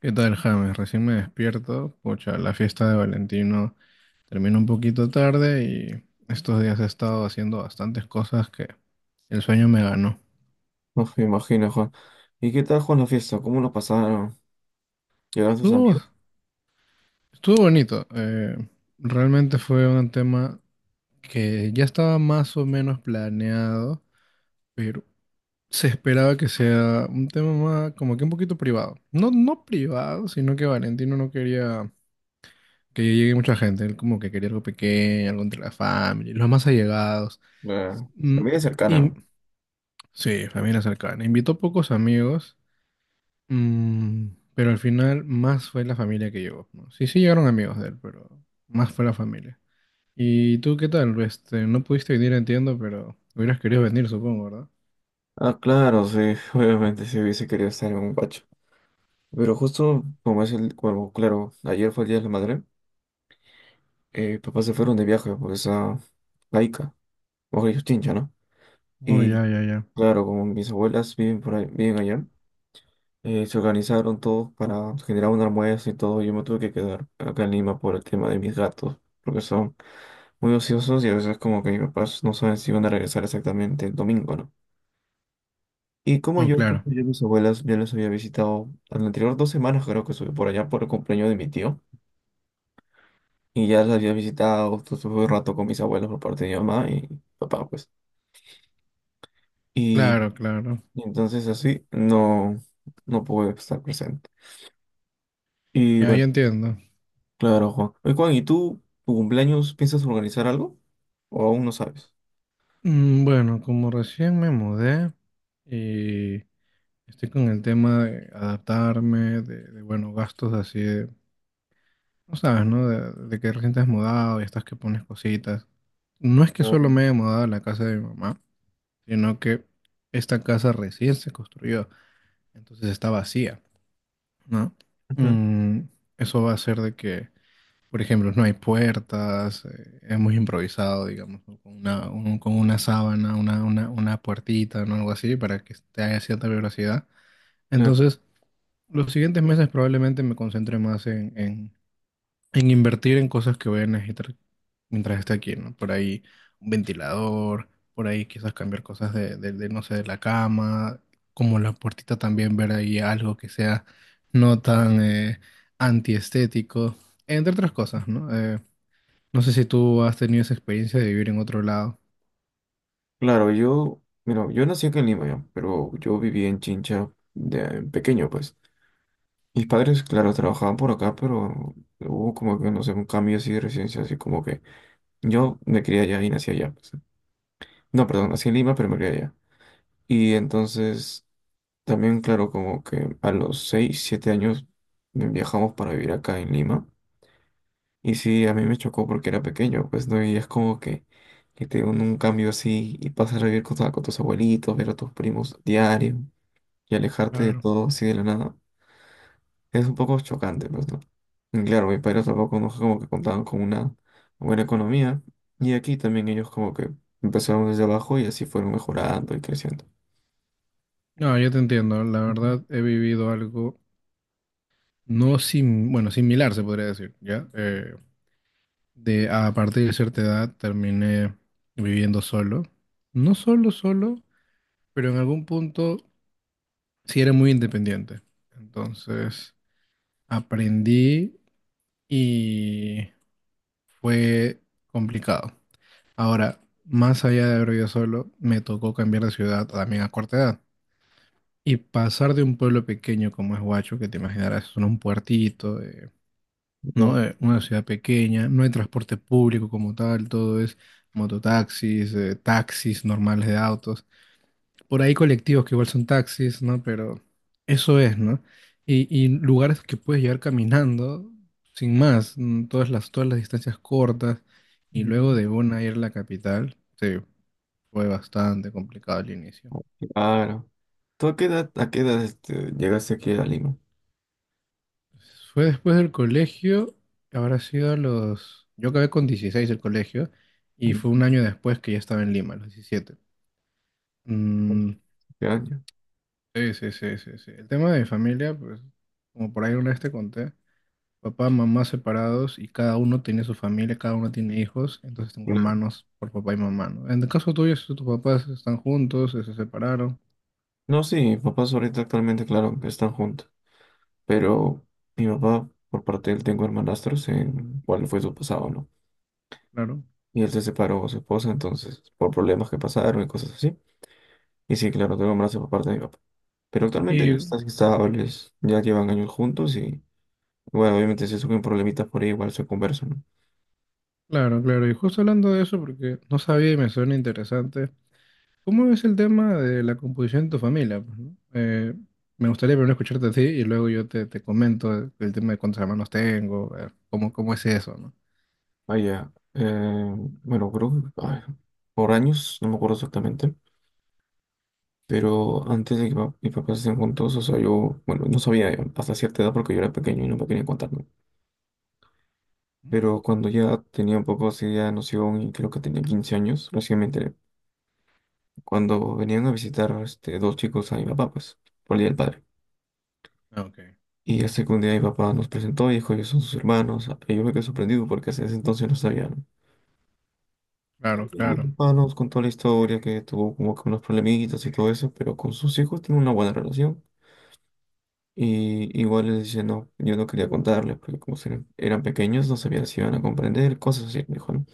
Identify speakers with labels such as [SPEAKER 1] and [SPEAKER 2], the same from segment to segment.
[SPEAKER 1] ¿Qué tal, James? Recién me despierto. Pucha, la fiesta de Valentino terminó un poquito tarde y estos días he estado haciendo bastantes cosas que el sueño me ganó.
[SPEAKER 2] No me imagino, Juan. ¿Y qué tal, Juan, la fiesta? ¿Cómo lo pasaron? ¿Llegaron sus
[SPEAKER 1] Estuvo,
[SPEAKER 2] amigos?
[SPEAKER 1] estuvo bonito. Realmente fue un tema que ya estaba más o menos planeado, pero se esperaba que sea un tema más, como que un poquito privado. No, no privado, sino que Valentino no quería que llegue mucha gente. Él como que quería algo pequeño, algo entre la familia, los más allegados.
[SPEAKER 2] Eh,
[SPEAKER 1] Mm,
[SPEAKER 2] familia cercana,
[SPEAKER 1] y
[SPEAKER 2] ¿no?
[SPEAKER 1] sí, familia cercana. Invitó pocos amigos, mm, pero al final más fue la familia que llegó, ¿no? Sí, sí llegaron amigos de él, pero más fue la familia. ¿Y tú qué tal? Este, no pudiste venir, entiendo, pero hubieras querido venir, supongo, ¿verdad?
[SPEAKER 2] Ah, claro, sí, obviamente si hubiese querido estar en un pacho. Pero justo como es el, bueno, claro, ayer fue el Día de la Madre, papás se fueron de viaje por esa laica, o ellos Chincha, ¿no?
[SPEAKER 1] Oh,
[SPEAKER 2] Y
[SPEAKER 1] ya, ya, ya.
[SPEAKER 2] claro, como mis abuelas viven por ahí, viven allá, se organizaron todos para generar un almuerzo y todo. Yo me tuve que quedar acá en Lima por el tema de mis gatos, porque son muy ociosos y a veces como que mis papás no saben si van a regresar exactamente el domingo, ¿no? Y como
[SPEAKER 1] Oh,
[SPEAKER 2] yo,
[SPEAKER 1] claro.
[SPEAKER 2] justo yo a mis abuelas ya las había visitado en anterior 2 semanas, creo que estuve por allá por el cumpleaños de mi tío. Y ya las había visitado, justo estuve un rato con mis abuelos por parte de mi mamá y papá, pues. Y,
[SPEAKER 1] Claro, claro.
[SPEAKER 2] y entonces así no pude estar presente. Y
[SPEAKER 1] Ya, ya
[SPEAKER 2] bueno,
[SPEAKER 1] entiendo.
[SPEAKER 2] claro, Juan. Oye, Juan, ¿y tú, tu cumpleaños, piensas organizar algo? ¿O aún no sabes?
[SPEAKER 1] Mm, bueno, como recién me mudé, y estoy con el tema de adaptarme, bueno, gastos así de, no sabes, ¿no? De que recién te has mudado y estás que pones cositas. No es que solo
[SPEAKER 2] Ujú.
[SPEAKER 1] me he mudado a la casa de mi mamá, sino que esta casa recién se construyó, entonces está vacía, ¿no? Mm, eso va a ser de que, por ejemplo, no hay puertas, hemos improvisado, digamos, ¿no? Con una, con una sábana, una puertita, ¿no? Algo así, para que esté a cierta velocidad.
[SPEAKER 2] Claro,
[SPEAKER 1] Entonces, los siguientes meses probablemente me concentre más en invertir en cosas que voy a necesitar mientras esté aquí, ¿no? Por ahí un ventilador, por ahí quizás cambiar cosas no sé, de la cama, como la puertita también ver ahí algo que sea no tan antiestético, entre otras cosas, ¿no? No sé si tú has tenido esa experiencia de vivir en otro lado.
[SPEAKER 2] Claro, yo, mira, yo nací aquí en Lima ya, pero yo viví en Chincha de pequeño, pues. Mis padres, claro, trabajaban por acá, pero hubo como que, no sé, un cambio así de residencia, así como que yo me crié allá y nací allá, pues. No, perdón, nací en Lima, pero me crié allá. Y entonces, también, claro, como que a los 6 7 años me viajamos para vivir acá en Lima. Y sí, a mí me chocó porque era pequeño, pues, ¿no? Y es como que te un cambio así y pasas a vivir con tus abuelitos, ver a tus primos diario. Y alejarte de
[SPEAKER 1] Claro.
[SPEAKER 2] todo así de la nada es un poco chocante, pues, ¿no? Y claro, mis padres tampoco no es como que contaban con una buena economía y aquí también ellos como que empezaron desde abajo y así fueron mejorando y creciendo.
[SPEAKER 1] No, yo te entiendo. La
[SPEAKER 2] Ujú.
[SPEAKER 1] verdad, he vivido algo no sim, bueno, similar, se podría decir, ¿ya? De a partir de cierta edad terminé viviendo solo. No solo, solo, pero en algún punto sí era muy independiente. Entonces aprendí y fue complicado. Ahora, más allá de haber vivido solo, me tocó cambiar de ciudad también a corta edad. Y pasar de un pueblo pequeño como es Huacho, que te imaginarás, es un puertito,
[SPEAKER 2] Ya.
[SPEAKER 1] ¿no? Una ciudad pequeña, no hay transporte público como tal, todo es mototaxis, taxis normales de autos. Por ahí colectivos que igual son taxis, ¿no? Pero eso es, ¿no? Y lugares que puedes llegar caminando sin más, mm, todas las distancias cortas. Y
[SPEAKER 2] Ujú.
[SPEAKER 1] luego de Bona ir a la capital, sí, fue bastante complicado al inicio.
[SPEAKER 2] Claro. ¿Tú a qué edad, llegaste aquí a Lima?
[SPEAKER 1] Fue después del colegio, habrá sido a los... Yo acabé con 16 el colegio y fue un
[SPEAKER 2] Mm.
[SPEAKER 1] año después que ya estaba en Lima, a los 17. Mm,
[SPEAKER 2] ¿Qué año?
[SPEAKER 1] sí, sí, sí, sí, sí. El tema de mi familia, pues, como por ahí una vez te conté, papá, mamá separados y cada uno tiene su familia, cada uno tiene hijos, entonces tengo
[SPEAKER 2] Claro.
[SPEAKER 1] hermanos por papá y mamá, ¿no? En el caso tuyo, si tus papás están juntos, se separaron,
[SPEAKER 2] No, sí, mis papás ahorita actualmente, claro, están juntos, pero mi papá, por parte de él, tengo hermanastros en cuál fue su pasado, ¿no?
[SPEAKER 1] claro.
[SPEAKER 2] Y él se separó con su esposa, entonces, por problemas que pasaron y cosas así. Y sí, claro, tengo un abrazo por parte de mi papá. Pero actualmente ellos
[SPEAKER 1] Y
[SPEAKER 2] están estables, ya llevan años juntos y, bueno, obviamente si surgen problemitas por ahí, igual se conversan, ¿no?
[SPEAKER 1] claro, claro, y justo hablando de eso, porque no sabía y me suena interesante. ¿Cómo es el tema de la composición de tu familia, pues, no? Me gustaría primero escucharte a ti y luego yo te comento el tema de cuántos hermanos tengo, cómo, cómo es eso, ¿no?
[SPEAKER 2] Vaya, bueno, creo que ay, por años, no me acuerdo exactamente, pero antes de que mis papás estén juntos, o sea, yo, bueno, no sabía hasta cierta edad porque yo era pequeño y no me quería contar, ¿no? Pero cuando ya tenía un poco así de noción y creo que tenía 15 años, recién me enteré cuando venían a visitar dos chicos a mi papá, pues, por el Día del Padre.
[SPEAKER 1] Ah, ok,
[SPEAKER 2] Y hace que un día mi papá nos presentó y dijo, ellos son sus hermanos. Ah, y yo me quedé sorprendido porque hasta ese entonces no sabían.
[SPEAKER 1] claro,
[SPEAKER 2] Mi
[SPEAKER 1] claro,
[SPEAKER 2] papá nos contó la historia, que tuvo como que unos problemitas y todo eso, pero con sus hijos tiene una buena relación. Y igual les dice: no, yo no quería contarles, porque como eran pequeños, no sabía si iban a comprender, cosas así, me dijo, ¿no?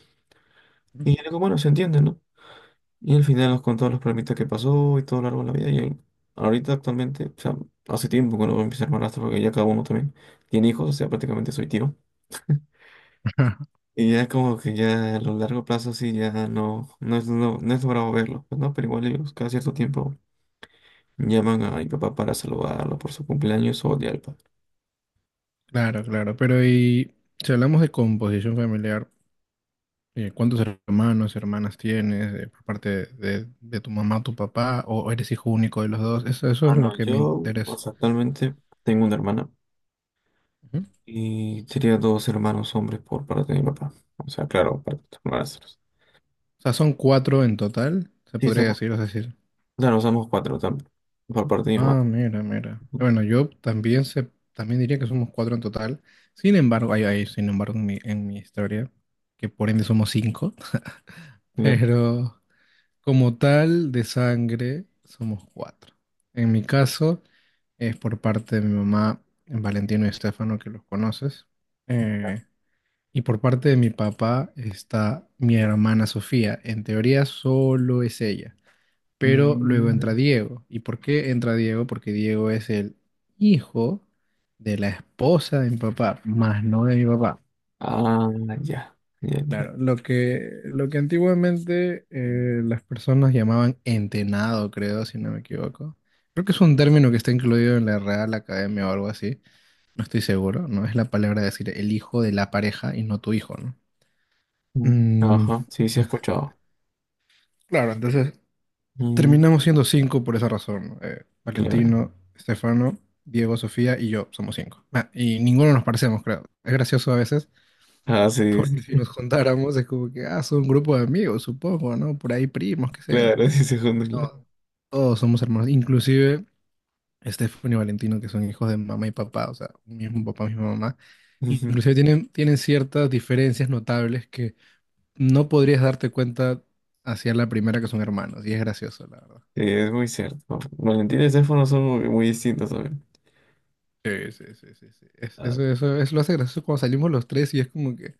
[SPEAKER 2] Y yo le digo, bueno, se entiende, ¿no? Y al final nos contó los problemitas que pasó y todo lo largo de la vida. Y él, ahorita actualmente, o sea, hace tiempo que no empecé a hermanastro porque ya cada uno también tiene hijos, o sea, prácticamente soy tío. Y ya como que ya a lo largo plazo sí, ya no es, no es logrado verlo, pues, ¿no? Pero igual ellos cada cierto tiempo llaman a mi papá para saludarlo por su cumpleaños o día del padre.
[SPEAKER 1] claro, claro. Pero y si hablamos de composición familiar, ¿cuántos hermanos, hermanas tienes por parte de tu mamá, tu papá, o eres hijo único de los dos? Eso
[SPEAKER 2] Ah,
[SPEAKER 1] es lo
[SPEAKER 2] no,
[SPEAKER 1] que me
[SPEAKER 2] yo o
[SPEAKER 1] interesa.
[SPEAKER 2] sea, actualmente tengo una hermana
[SPEAKER 1] Ujú.
[SPEAKER 2] y sería dos hermanos hombres por parte de mi papá. O sea, claro, para hermanastros.
[SPEAKER 1] O sea, son cuatro en total, se
[SPEAKER 2] Sí,
[SPEAKER 1] podría
[SPEAKER 2] somos.
[SPEAKER 1] decir, es decir.
[SPEAKER 2] Claro, usamos cuatro también. Por parte de mi mamá.
[SPEAKER 1] Ah, mira, mira. Bueno, yo también se, también diría que somos cuatro en total. Sin embargo, hay, sin embargo, en mi historia, que por ende somos cinco,
[SPEAKER 2] Claro.
[SPEAKER 1] pero como tal de sangre somos cuatro. En mi caso es por parte de mi mamá, Valentino y Estefano, que los conoces. Eh, y por parte de mi papá está mi hermana Sofía. En teoría solo es ella. Pero luego entra
[SPEAKER 2] Mm.
[SPEAKER 1] Diego. ¿Y por qué entra Diego? Porque Diego es el hijo de la esposa de mi papá, más no de mi papá.
[SPEAKER 2] Ah, ya. Ya, ya.
[SPEAKER 1] Claro, lo que antiguamente las personas llamaban entenado, creo, si no me equivoco. Creo que es un término que está incluido en la Real Academia o algo así. No estoy seguro, ¿no? Es la palabra de decir el hijo de la pareja y no tu hijo, ¿no?
[SPEAKER 2] Mm.
[SPEAKER 1] Mm,
[SPEAKER 2] Ajá. Sí, sí he escuchado.
[SPEAKER 1] claro, entonces
[SPEAKER 2] Mm.
[SPEAKER 1] terminamos siendo cinco por esa razón, ¿no?
[SPEAKER 2] Claro.
[SPEAKER 1] Valentino, Estefano, Diego, Sofía y yo somos cinco. Ah, y ninguno nos parecemos, creo. Es gracioso a veces,
[SPEAKER 2] Ah, sí, sí.
[SPEAKER 1] porque si nos juntáramos es como que, ah, son un grupo de amigos, supongo, ¿no? Por ahí primos, qué sé yo.
[SPEAKER 2] Claro, sí se claro.
[SPEAKER 1] No, todos somos hermanos, inclusive Estefano y Valentino, que son hijos de mamá y papá, o sea, mismo papá, misma mamá.
[SPEAKER 2] Ujú.
[SPEAKER 1] Inclusive tienen ciertas diferencias notables que no podrías darte cuenta hacia la primera que son hermanos, y es gracioso, la verdad.
[SPEAKER 2] Sí, es muy cierto. Valentín y Sefo no son muy, muy distintos, también.
[SPEAKER 1] Sí, sí, sí, sí, sí.
[SPEAKER 2] Ah,
[SPEAKER 1] Eso, eso lo hace gracioso cuando salimos los tres y es como que,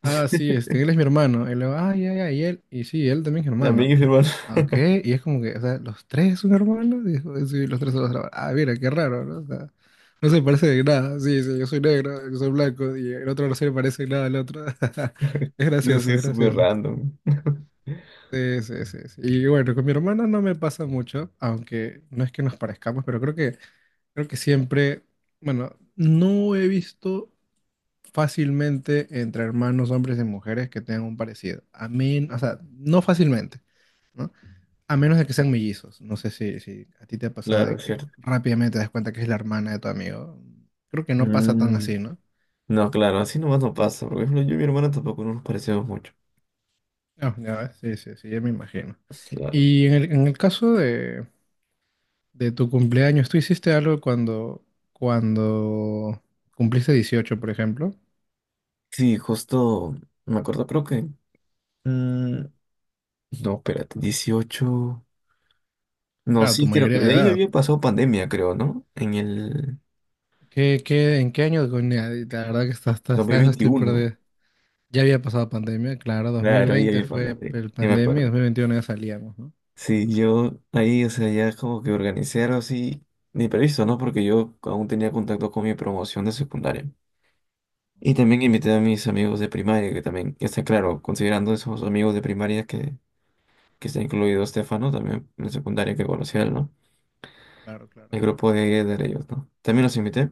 [SPEAKER 1] ah, sí, este, él es mi hermano. Él, ah, ya, ya, y él, y sí, él también es mi
[SPEAKER 2] también
[SPEAKER 1] hermano.
[SPEAKER 2] es hermano.
[SPEAKER 1] Ah, ok, y es como que, o sea, los tres son hermanos. Y, dijo, sí, los tres son los hermanos. Ah, mira, qué raro, ¿no? O sea, no se parece de nada. Sí, sí, yo soy negro, yo soy blanco, y el otro no se le parece nada al otro. Es
[SPEAKER 2] Eso sí
[SPEAKER 1] gracioso,
[SPEAKER 2] es
[SPEAKER 1] es
[SPEAKER 2] súper
[SPEAKER 1] gracioso.
[SPEAKER 2] random.
[SPEAKER 1] Sí, sí, sí, sí. Y bueno, con mi hermana no me pasa mucho, aunque no es que nos parezcamos, pero creo que. Creo que siempre, bueno, no he visto fácilmente entre hermanos, hombres y mujeres que tengan un parecido. O sea, no fácilmente, ¿no? A menos de que sean mellizos. No sé si a ti te ha pasado
[SPEAKER 2] Claro,
[SPEAKER 1] de
[SPEAKER 2] es
[SPEAKER 1] que
[SPEAKER 2] cierto.
[SPEAKER 1] rápidamente te das cuenta que es la hermana de tu amigo. Creo que no pasa tan
[SPEAKER 2] Mm.
[SPEAKER 1] así, ¿no?
[SPEAKER 2] No, claro, así nomás no pasa. Por ejemplo, yo y mi hermana tampoco no nos parecemos mucho.
[SPEAKER 1] No, ya ves, sí, sí, sí, ya me imagino.
[SPEAKER 2] Claro.
[SPEAKER 1] Y en el caso de tu cumpleaños, ¿tú hiciste algo cuando, cuando cumpliste 18 por ejemplo?
[SPEAKER 2] Sí, justo me acuerdo, creo que. mm, no, espérate, 18. No,
[SPEAKER 1] Claro, tu
[SPEAKER 2] sí, creo
[SPEAKER 1] mayoría
[SPEAKER 2] que
[SPEAKER 1] de
[SPEAKER 2] de ahí
[SPEAKER 1] edad.
[SPEAKER 2] había pasado pandemia, creo, ¿no? En el
[SPEAKER 1] ¿Qué, qué, en qué año, coño? La verdad que
[SPEAKER 2] dos mil
[SPEAKER 1] hasta eso estoy
[SPEAKER 2] veintiuno
[SPEAKER 1] perdido. Ya había pasado pandemia, claro,
[SPEAKER 2] Claro, ahí
[SPEAKER 1] 2020
[SPEAKER 2] había pasado,
[SPEAKER 1] fue
[SPEAKER 2] sí,
[SPEAKER 1] el
[SPEAKER 2] sí me
[SPEAKER 1] pandemia y
[SPEAKER 2] acuerdo.
[SPEAKER 1] 2021 ya salíamos, ¿no?
[SPEAKER 2] Sí, yo ahí, o sea, ya como que organicé algo así, ni previsto, ¿no? Porque yo aún tenía contacto con mi promoción de secundaria. Y también invité a mis amigos de primaria, que también, está claro, considerando esos amigos de primaria que está incluido Estefano, también en secundaria que conocía él, ¿no?
[SPEAKER 1] Claro, claro,
[SPEAKER 2] El grupo de ellos, ¿no? También los invité.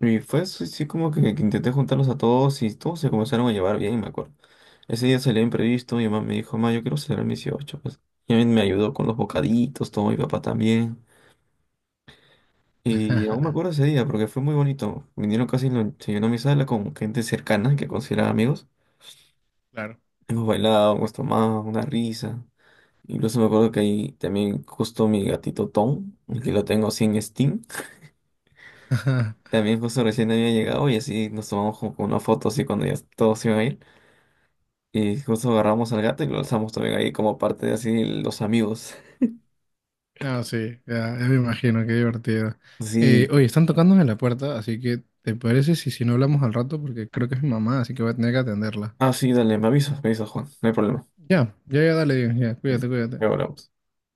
[SPEAKER 2] Y fue así, sí, como que intenté juntarlos a todos y todos se comenzaron a llevar bien, me acuerdo. Ese día salió imprevisto, mi mamá me dijo, ma, yo quiero celebrar mis 18, pues. Y a mí me ayudó con los bocaditos, todo, mi papá también. Y aún me acuerdo ese día porque fue muy bonito. Vinieron casi, se llenó mi sala con gente cercana que consideraba amigos.
[SPEAKER 1] claro.
[SPEAKER 2] Hemos bailado, hemos tomado una risa. Incluso me acuerdo que ahí también justo mi gatito Tom, el que lo tengo así en Steam. También justo recién había llegado y así nos tomamos como una foto así cuando ya todos iban a ir. Y justo agarramos al gato y lo alzamos también ahí como parte de así los amigos.
[SPEAKER 1] No, sí, ya, ya me imagino, qué divertido.
[SPEAKER 2] Sí.
[SPEAKER 1] Oye, están tocándome la puerta, así que ¿te parece si, si no hablamos al rato? Porque creo que es mi mamá, así que voy a tener que atenderla.
[SPEAKER 2] Ah, sí, dale, me avisas, Juan. No hay problema.
[SPEAKER 1] Ya, ya, ya, dale, ya, cuídate, cuídate.
[SPEAKER 2] Luego hablamos.